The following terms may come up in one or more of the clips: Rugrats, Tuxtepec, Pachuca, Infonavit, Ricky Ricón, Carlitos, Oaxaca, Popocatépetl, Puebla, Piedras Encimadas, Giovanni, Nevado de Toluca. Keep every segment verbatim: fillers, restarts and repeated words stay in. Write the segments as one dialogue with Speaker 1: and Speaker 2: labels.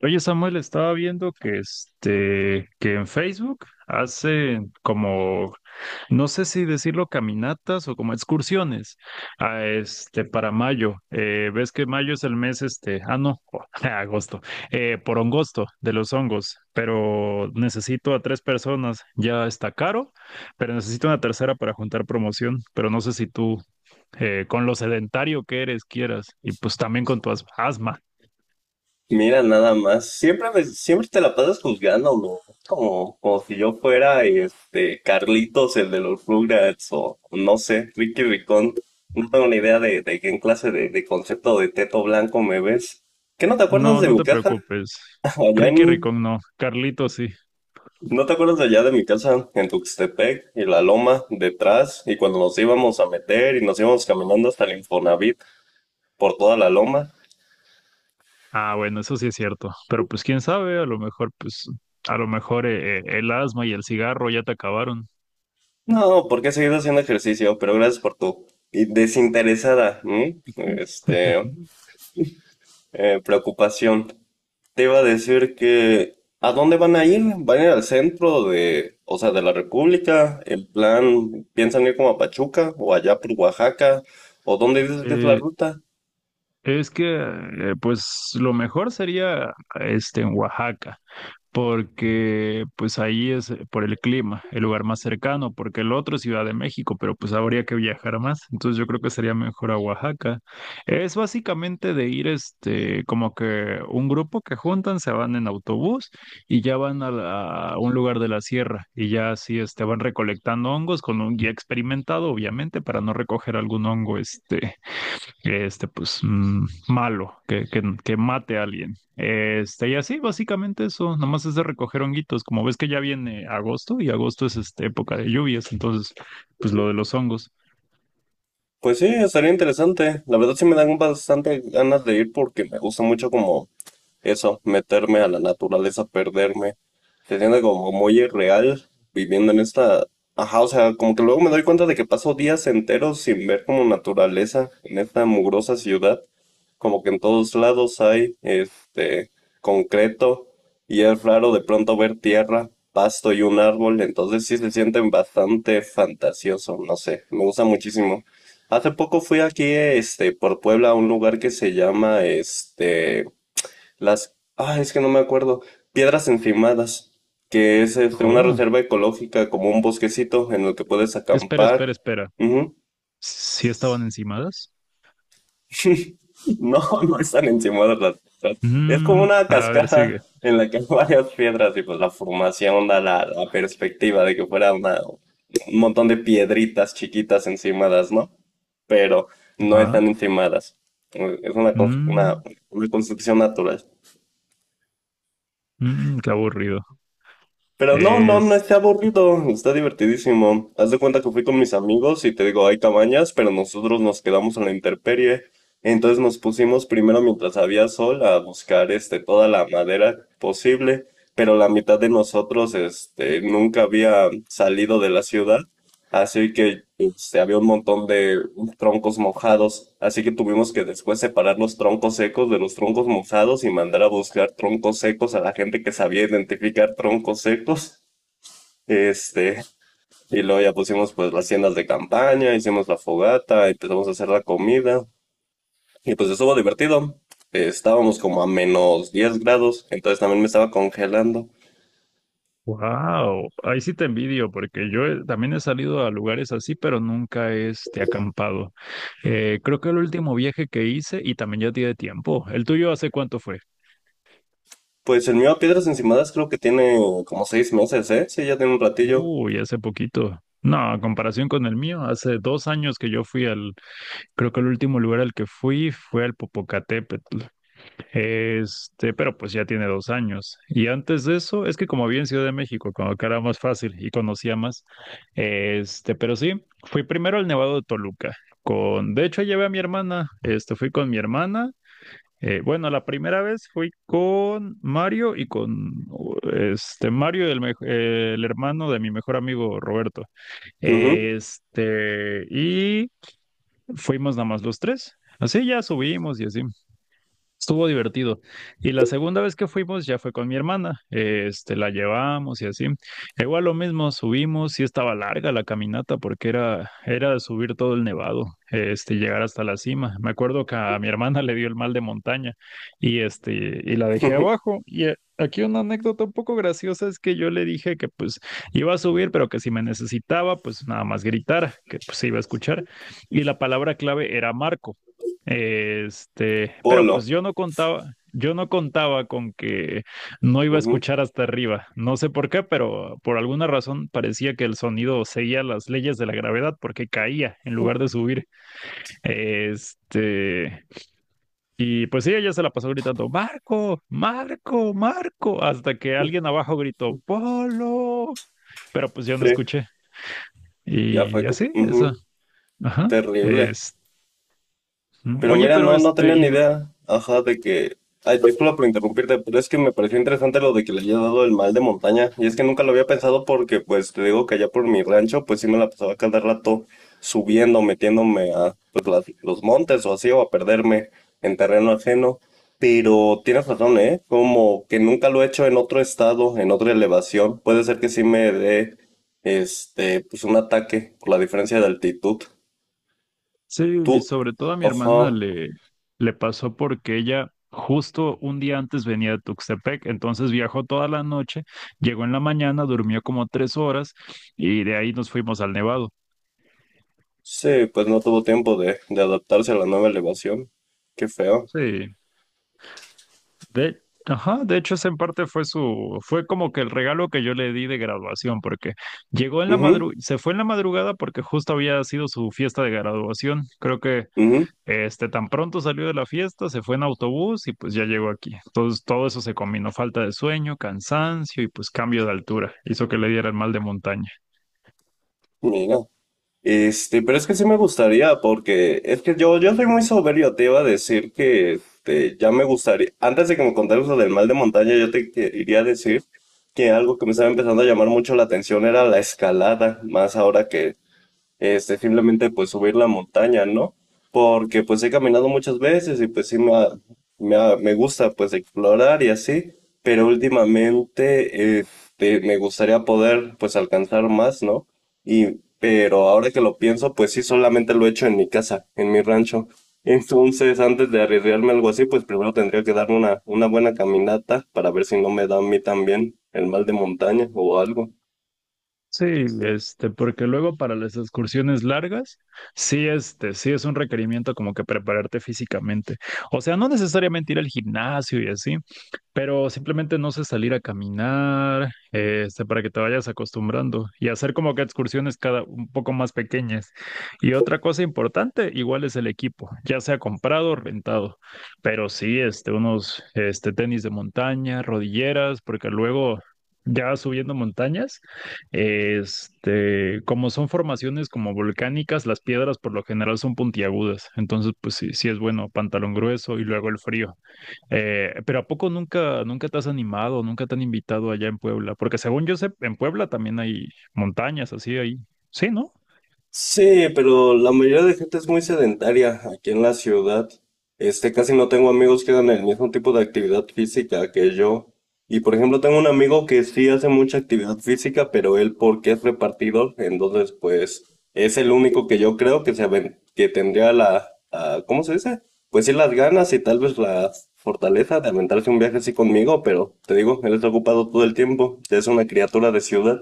Speaker 1: Oye, Samuel, estaba viendo que este, que en Facebook hacen como, no sé si decirlo caminatas o como excursiones, a este, para mayo. Eh, ves que mayo es el mes este, ah, no, agosto, eh, por hongosto de los hongos, pero necesito a tres personas. Ya está caro, pero necesito una tercera para juntar promoción, pero no sé si tú, eh, con lo sedentario que eres, quieras, y
Speaker 2: Pues,
Speaker 1: pues también
Speaker 2: pues,
Speaker 1: con tu as- asma.
Speaker 2: Mira, nada más. Siempre me, siempre te la pasas juzgándolo. Como, como si yo fuera este Carlitos, el de los Rugrats, o no sé, Ricky Ricón. No tengo ni idea de, de qué clase de, de concepto de teto blanco me ves. ¿Qué no te acuerdas
Speaker 1: No,
Speaker 2: de
Speaker 1: no
Speaker 2: mi
Speaker 1: te
Speaker 2: casa?
Speaker 1: preocupes.
Speaker 2: Allá
Speaker 1: Ricky
Speaker 2: en,
Speaker 1: Ricón no, Carlito sí.
Speaker 2: ¿no te acuerdas de allá de mi casa? En Tuxtepec y la loma detrás, y cuando nos íbamos a meter y nos íbamos caminando hasta el Infonavit por toda la loma.
Speaker 1: Ah, bueno, eso sí es cierto. Pero pues quién sabe, a lo mejor, pues, a lo mejor eh, eh, el asma y el cigarro ya te acabaron.
Speaker 2: No, porque he seguido haciendo ejercicio, pero gracias por tu y desinteresada, ¿m? Este, eh, preocupación. Te iba a decir que, ¿a dónde van a ir? ¿Van a ir al centro de, o sea, de la República? ¿En plan, piensan ir como a Pachuca o allá por Oaxaca? ¿O dónde dices que es la
Speaker 1: Eh,
Speaker 2: ruta?
Speaker 1: es que, eh, pues, lo mejor sería este en Oaxaca, porque pues ahí es eh, por el clima, el lugar más cercano, porque el otro es Ciudad de México, pero pues habría que viajar más, entonces yo creo que sería mejor a Oaxaca. Es básicamente de ir este, como que un grupo que juntan, se van en autobús y ya van a, la- a un lugar de la sierra, y ya así este, van recolectando hongos con un guía experimentado, obviamente, para no recoger algún hongo este que este, pues, mm, malo, que, que, que mate a alguien. Este, y así, básicamente eso, nada más es de recoger honguitos, como ves que ya viene agosto, y agosto es este, época de lluvias, entonces, pues lo de los hongos.
Speaker 2: Pues sí, estaría interesante. La verdad sí me dan bastante ganas de ir porque me gusta mucho como eso, meterme a la naturaleza, perderme. Se siente como muy irreal viviendo en esta... Ajá, o sea, como que luego me doy cuenta de que paso días enteros sin ver como naturaleza en esta mugrosa ciudad, como que en todos lados hay este concreto y es raro de pronto ver tierra, pasto y un árbol, entonces sí se sienten bastante fantasioso, no sé, me gusta muchísimo. Hace poco fui aquí, este, por Puebla a un lugar que se llama, este, las, ah, es que no me acuerdo. Piedras Encimadas, que es este, una
Speaker 1: Oh,
Speaker 2: reserva ecológica, como un bosquecito en el que puedes
Speaker 1: espera,
Speaker 2: acampar.
Speaker 1: espera, espera.
Speaker 2: Ujú.
Speaker 1: ¿Sí estaban encimadas?
Speaker 2: No, no están encimadas las piedras. Es como
Speaker 1: Mm,
Speaker 2: una
Speaker 1: a ver, sigue.
Speaker 2: cascada en la que hay varias piedras y pues la formación da la, la perspectiva de que fuera una- un montón de piedritas chiquitas encimadas, ¿no? Pero no
Speaker 1: Ah,
Speaker 2: están encimadas. Es una, cons- una,
Speaker 1: mm,
Speaker 2: una construcción natural.
Speaker 1: mm, qué aburrido.
Speaker 2: Pero no, no, no
Speaker 1: Este
Speaker 2: está aburrido, está divertidísimo. Haz de cuenta que fui con mis amigos y te digo, hay cabañas, pero nosotros nos quedamos en la intemperie. Entonces nos pusimos primero mientras había sol a buscar este toda la madera posible, pero la mitad de nosotros este nunca había salido de la ciudad. Así que este, había un montón de troncos mojados, así que tuvimos que después separar los troncos secos de los troncos mojados y mandar a buscar troncos secos a la gente que sabía identificar troncos secos. Este, y luego ya pusimos pues las tiendas de campaña, hicimos la fogata, empezamos a hacer la comida y pues estuvo divertido. Eh, Estábamos como a menos diez grados, entonces también me estaba congelando.
Speaker 1: Wow, ahí sí te envidio porque yo he- también he salido a lugares así, pero nunca he este, acampado. Eh, creo que el último viaje que hice y también ya tiene tiempo. ¿El tuyo hace cuánto fue?
Speaker 2: Pues el mío a Piedras Encimadas creo que tiene como seis meses, ¿eh? Sí, ya tiene un ratillo.
Speaker 1: Uy, hace poquito. No, a comparación con el mío, hace dos años que yo fui al, creo que el último lugar al que fui fue al Popocatépetl. Este, pero pues ya tiene dos años. Y antes de eso, es que como había en Ciudad de México, cuando acá era más fácil y conocía más. Este, pero sí, fui primero al Nevado de Toluca. Con, de hecho, llevé a mi hermana. Este, fui con mi hermana. Eh, bueno, la primera vez fui con Mario y con este Mario, el, mej- eh, el hermano de mi mejor amigo Roberto.
Speaker 2: Ujú.
Speaker 1: Este, y fuimos nada más los tres. Así ya subimos y así. Estuvo divertido. Y la segunda vez que fuimos ya fue con mi hermana. Este, la llevamos y así. Igual lo mismo, subimos, sí estaba larga la caminata porque era, era subir todo el nevado, este, llegar hasta la cima. Me acuerdo que a mi hermana le dio el mal de montaña, y este, y la dejé abajo. Y eh, aquí una anécdota un poco graciosa es que yo le dije que pues iba a subir, pero que si me necesitaba, pues nada más gritar, que pues se iba a escuchar. Y la palabra clave era Marco. Este, pero
Speaker 2: Polo.
Speaker 1: pues yo no contaba, yo no contaba con que no iba a
Speaker 2: Ujú.
Speaker 1: escuchar hasta arriba. No sé por qué, pero por alguna razón parecía que el sonido seguía las leyes de la gravedad porque caía en lugar de subir. Este, y pues sí, ella se la pasó gritando, Marco, Marco, Marco, hasta que alguien abajo gritó, Polo. Pero pues yo no
Speaker 2: Sí,
Speaker 1: escuché.
Speaker 2: ya fue.
Speaker 1: Y
Speaker 2: Co-
Speaker 1: así, eso.
Speaker 2: ujú,
Speaker 1: Ajá.
Speaker 2: terrible.
Speaker 1: Este.
Speaker 2: Pero
Speaker 1: Oye,
Speaker 2: mira,
Speaker 1: pero
Speaker 2: no, no
Speaker 1: este,
Speaker 2: tenía
Speaker 1: y
Speaker 2: ni
Speaker 1: no-
Speaker 2: idea. Ajá, de que. Ay, disculpa por interrumpirte, pero es que me pareció interesante lo de que le haya dado el mal de montaña. Y es que nunca lo había pensado porque, pues, te digo que allá por mi rancho, pues sí me la pasaba cada rato subiendo, metiéndome a pues, las- los montes o así, o a perderme en terreno ajeno. Pero tienes razón, ¿eh? Como que nunca lo he hecho en otro estado, en otra elevación. Puede ser que sí me dé, este, pues un ataque por la diferencia de altitud.
Speaker 1: sí,
Speaker 2: Tú,
Speaker 1: y sobre todo a mi
Speaker 2: ajá.
Speaker 1: hermana le, le pasó porque ella justo un día antes venía de Tuxtepec, entonces viajó toda la noche, llegó en la mañana, durmió como tres horas y de ahí nos fuimos al Nevado.
Speaker 2: Sí, pues no tuvo tiempo de, de adaptarse a la nueva elevación. Qué feo.
Speaker 1: Sí, de, ajá, de hecho ese en parte fue su, fue como que el regalo que yo le di de graduación, porque llegó en la
Speaker 2: Ujú,
Speaker 1: madru, se fue en la madrugada porque justo había sido su fiesta de graduación, creo que
Speaker 2: ujú,
Speaker 1: Este, tan pronto salió de la fiesta, se fue en autobús y pues ya llegó aquí. Entonces todo eso se combinó, falta de sueño, cansancio y pues cambio de altura, hizo que le diera el mal de montaña.
Speaker 2: mira. Este, pero es que sí me gustaría, porque es que yo, yo soy muy soberbio, te iba a decir que este, ya me gustaría. Antes de que me contaras lo del mal de montaña, yo te que- iría a decir que algo que me estaba empezando a llamar mucho la atención era la escalada, más ahora que este, simplemente pues subir la montaña, ¿no? Porque pues he caminado muchas veces y pues sí me, ha- me, ha- me gusta pues explorar y así, pero últimamente este, me gustaría poder pues alcanzar más, ¿no? Y, pero ahora que lo pienso, pues sí solamente lo he hecho en mi casa, en mi rancho. Entonces, antes de arriesgarme a algo así, pues primero tendría que darme una, una buena caminata para ver si no me da a mí también el mal de montaña o algo.
Speaker 1: Sí, este, porque luego para las excursiones largas, sí, este, sí es un requerimiento como que prepararte físicamente. O sea, no necesariamente ir al gimnasio y así, pero simplemente no sé, salir a caminar, eh, este, para que te vayas acostumbrando y hacer como que excursiones cada un poco más pequeñas. Y otra cosa importante, igual es el equipo, ya sea comprado o rentado. Pero sí, este, unos, este, tenis de montaña, rodilleras, porque luego ya subiendo montañas, este, como son formaciones como volcánicas, las piedras por lo general son puntiagudas. Entonces, pues sí, sí es bueno, pantalón grueso y luego el frío. Eh, pero ¿a poco nunca, nunca te has animado, nunca te han invitado allá en Puebla? Porque según yo sé, en Puebla también hay montañas así ahí. Sí, ¿no?
Speaker 2: Sí, pero la mayoría de gente es muy sedentaria aquí en la ciudad. Este, casi no tengo amigos que hagan el mismo tipo de actividad física que yo. Y por ejemplo, tengo un amigo que sí hace mucha actividad física, pero él porque es repartidor, entonces pues es el único que yo creo que se aven- que tendría la, la- ¿cómo se dice? Pues sí las ganas y tal vez la fortaleza de aventarse un viaje así conmigo, pero te digo, él está ocupado todo el tiempo, es una criatura de ciudad.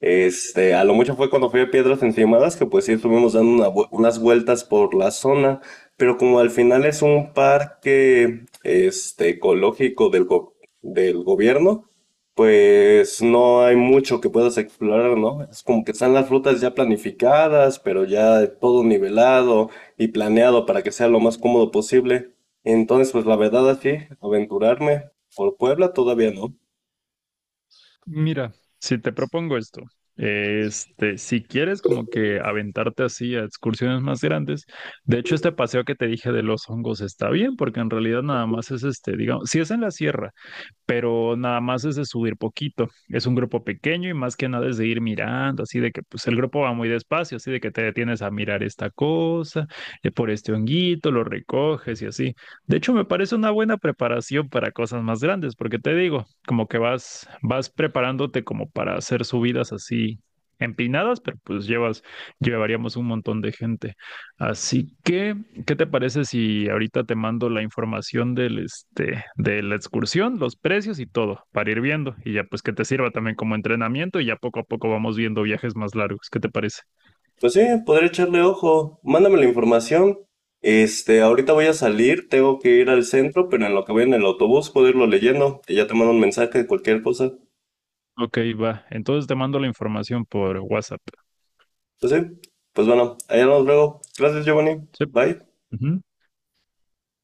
Speaker 2: Este, a lo mucho fue cuando fui a Piedras Encimadas, que pues sí estuvimos dando una vu- unas vueltas por la zona, pero como al final es un parque, este, ecológico del, go- del gobierno, pues no hay mucho que puedas explorar, ¿no? Es como que están las rutas ya planificadas, pero ya todo nivelado y planeado para que sea lo más cómodo posible. Entonces, pues la verdad, así, aventurarme por Puebla todavía no.
Speaker 1: Mira, si te propongo esto, este, si quieres como que aventarte así a excursiones más grandes, de hecho este paseo que te dije de los hongos está bien, porque en realidad nada más es este, digamos, si es en la sierra, pero nada más es de subir poquito. Es un grupo pequeño y más que nada es de ir mirando, así de que pues el grupo va muy despacio, así de que te detienes a mirar esta cosa, eh, por este honguito, lo recoges y así. De hecho, me parece una buena preparación para cosas más grandes, porque te digo, como que vas, vas preparándote como para hacer subidas así empinadas, pero pues llevas, llevaríamos un montón de gente. Así que ¿qué te parece si ahorita te mando la información del, este, de la excursión, los precios y todo, para ir viendo? Y ya pues que te sirva también como entrenamiento y ya poco a poco vamos viendo viajes más largos. ¿Qué te parece?
Speaker 2: Pues sí, podría echarle ojo. Mándame la información. Este, ahorita voy a salir, tengo que ir al centro, pero en lo que voy en el autobús puedo irlo leyendo y ya te mando un mensaje de cualquier cosa.
Speaker 1: Ok, va. Entonces te mando la información por WhatsApp.
Speaker 2: Pues sí, pues bueno, allá nos vemos luego. Gracias, Giovanni.
Speaker 1: Sí.
Speaker 2: Bye.
Speaker 1: Ujú.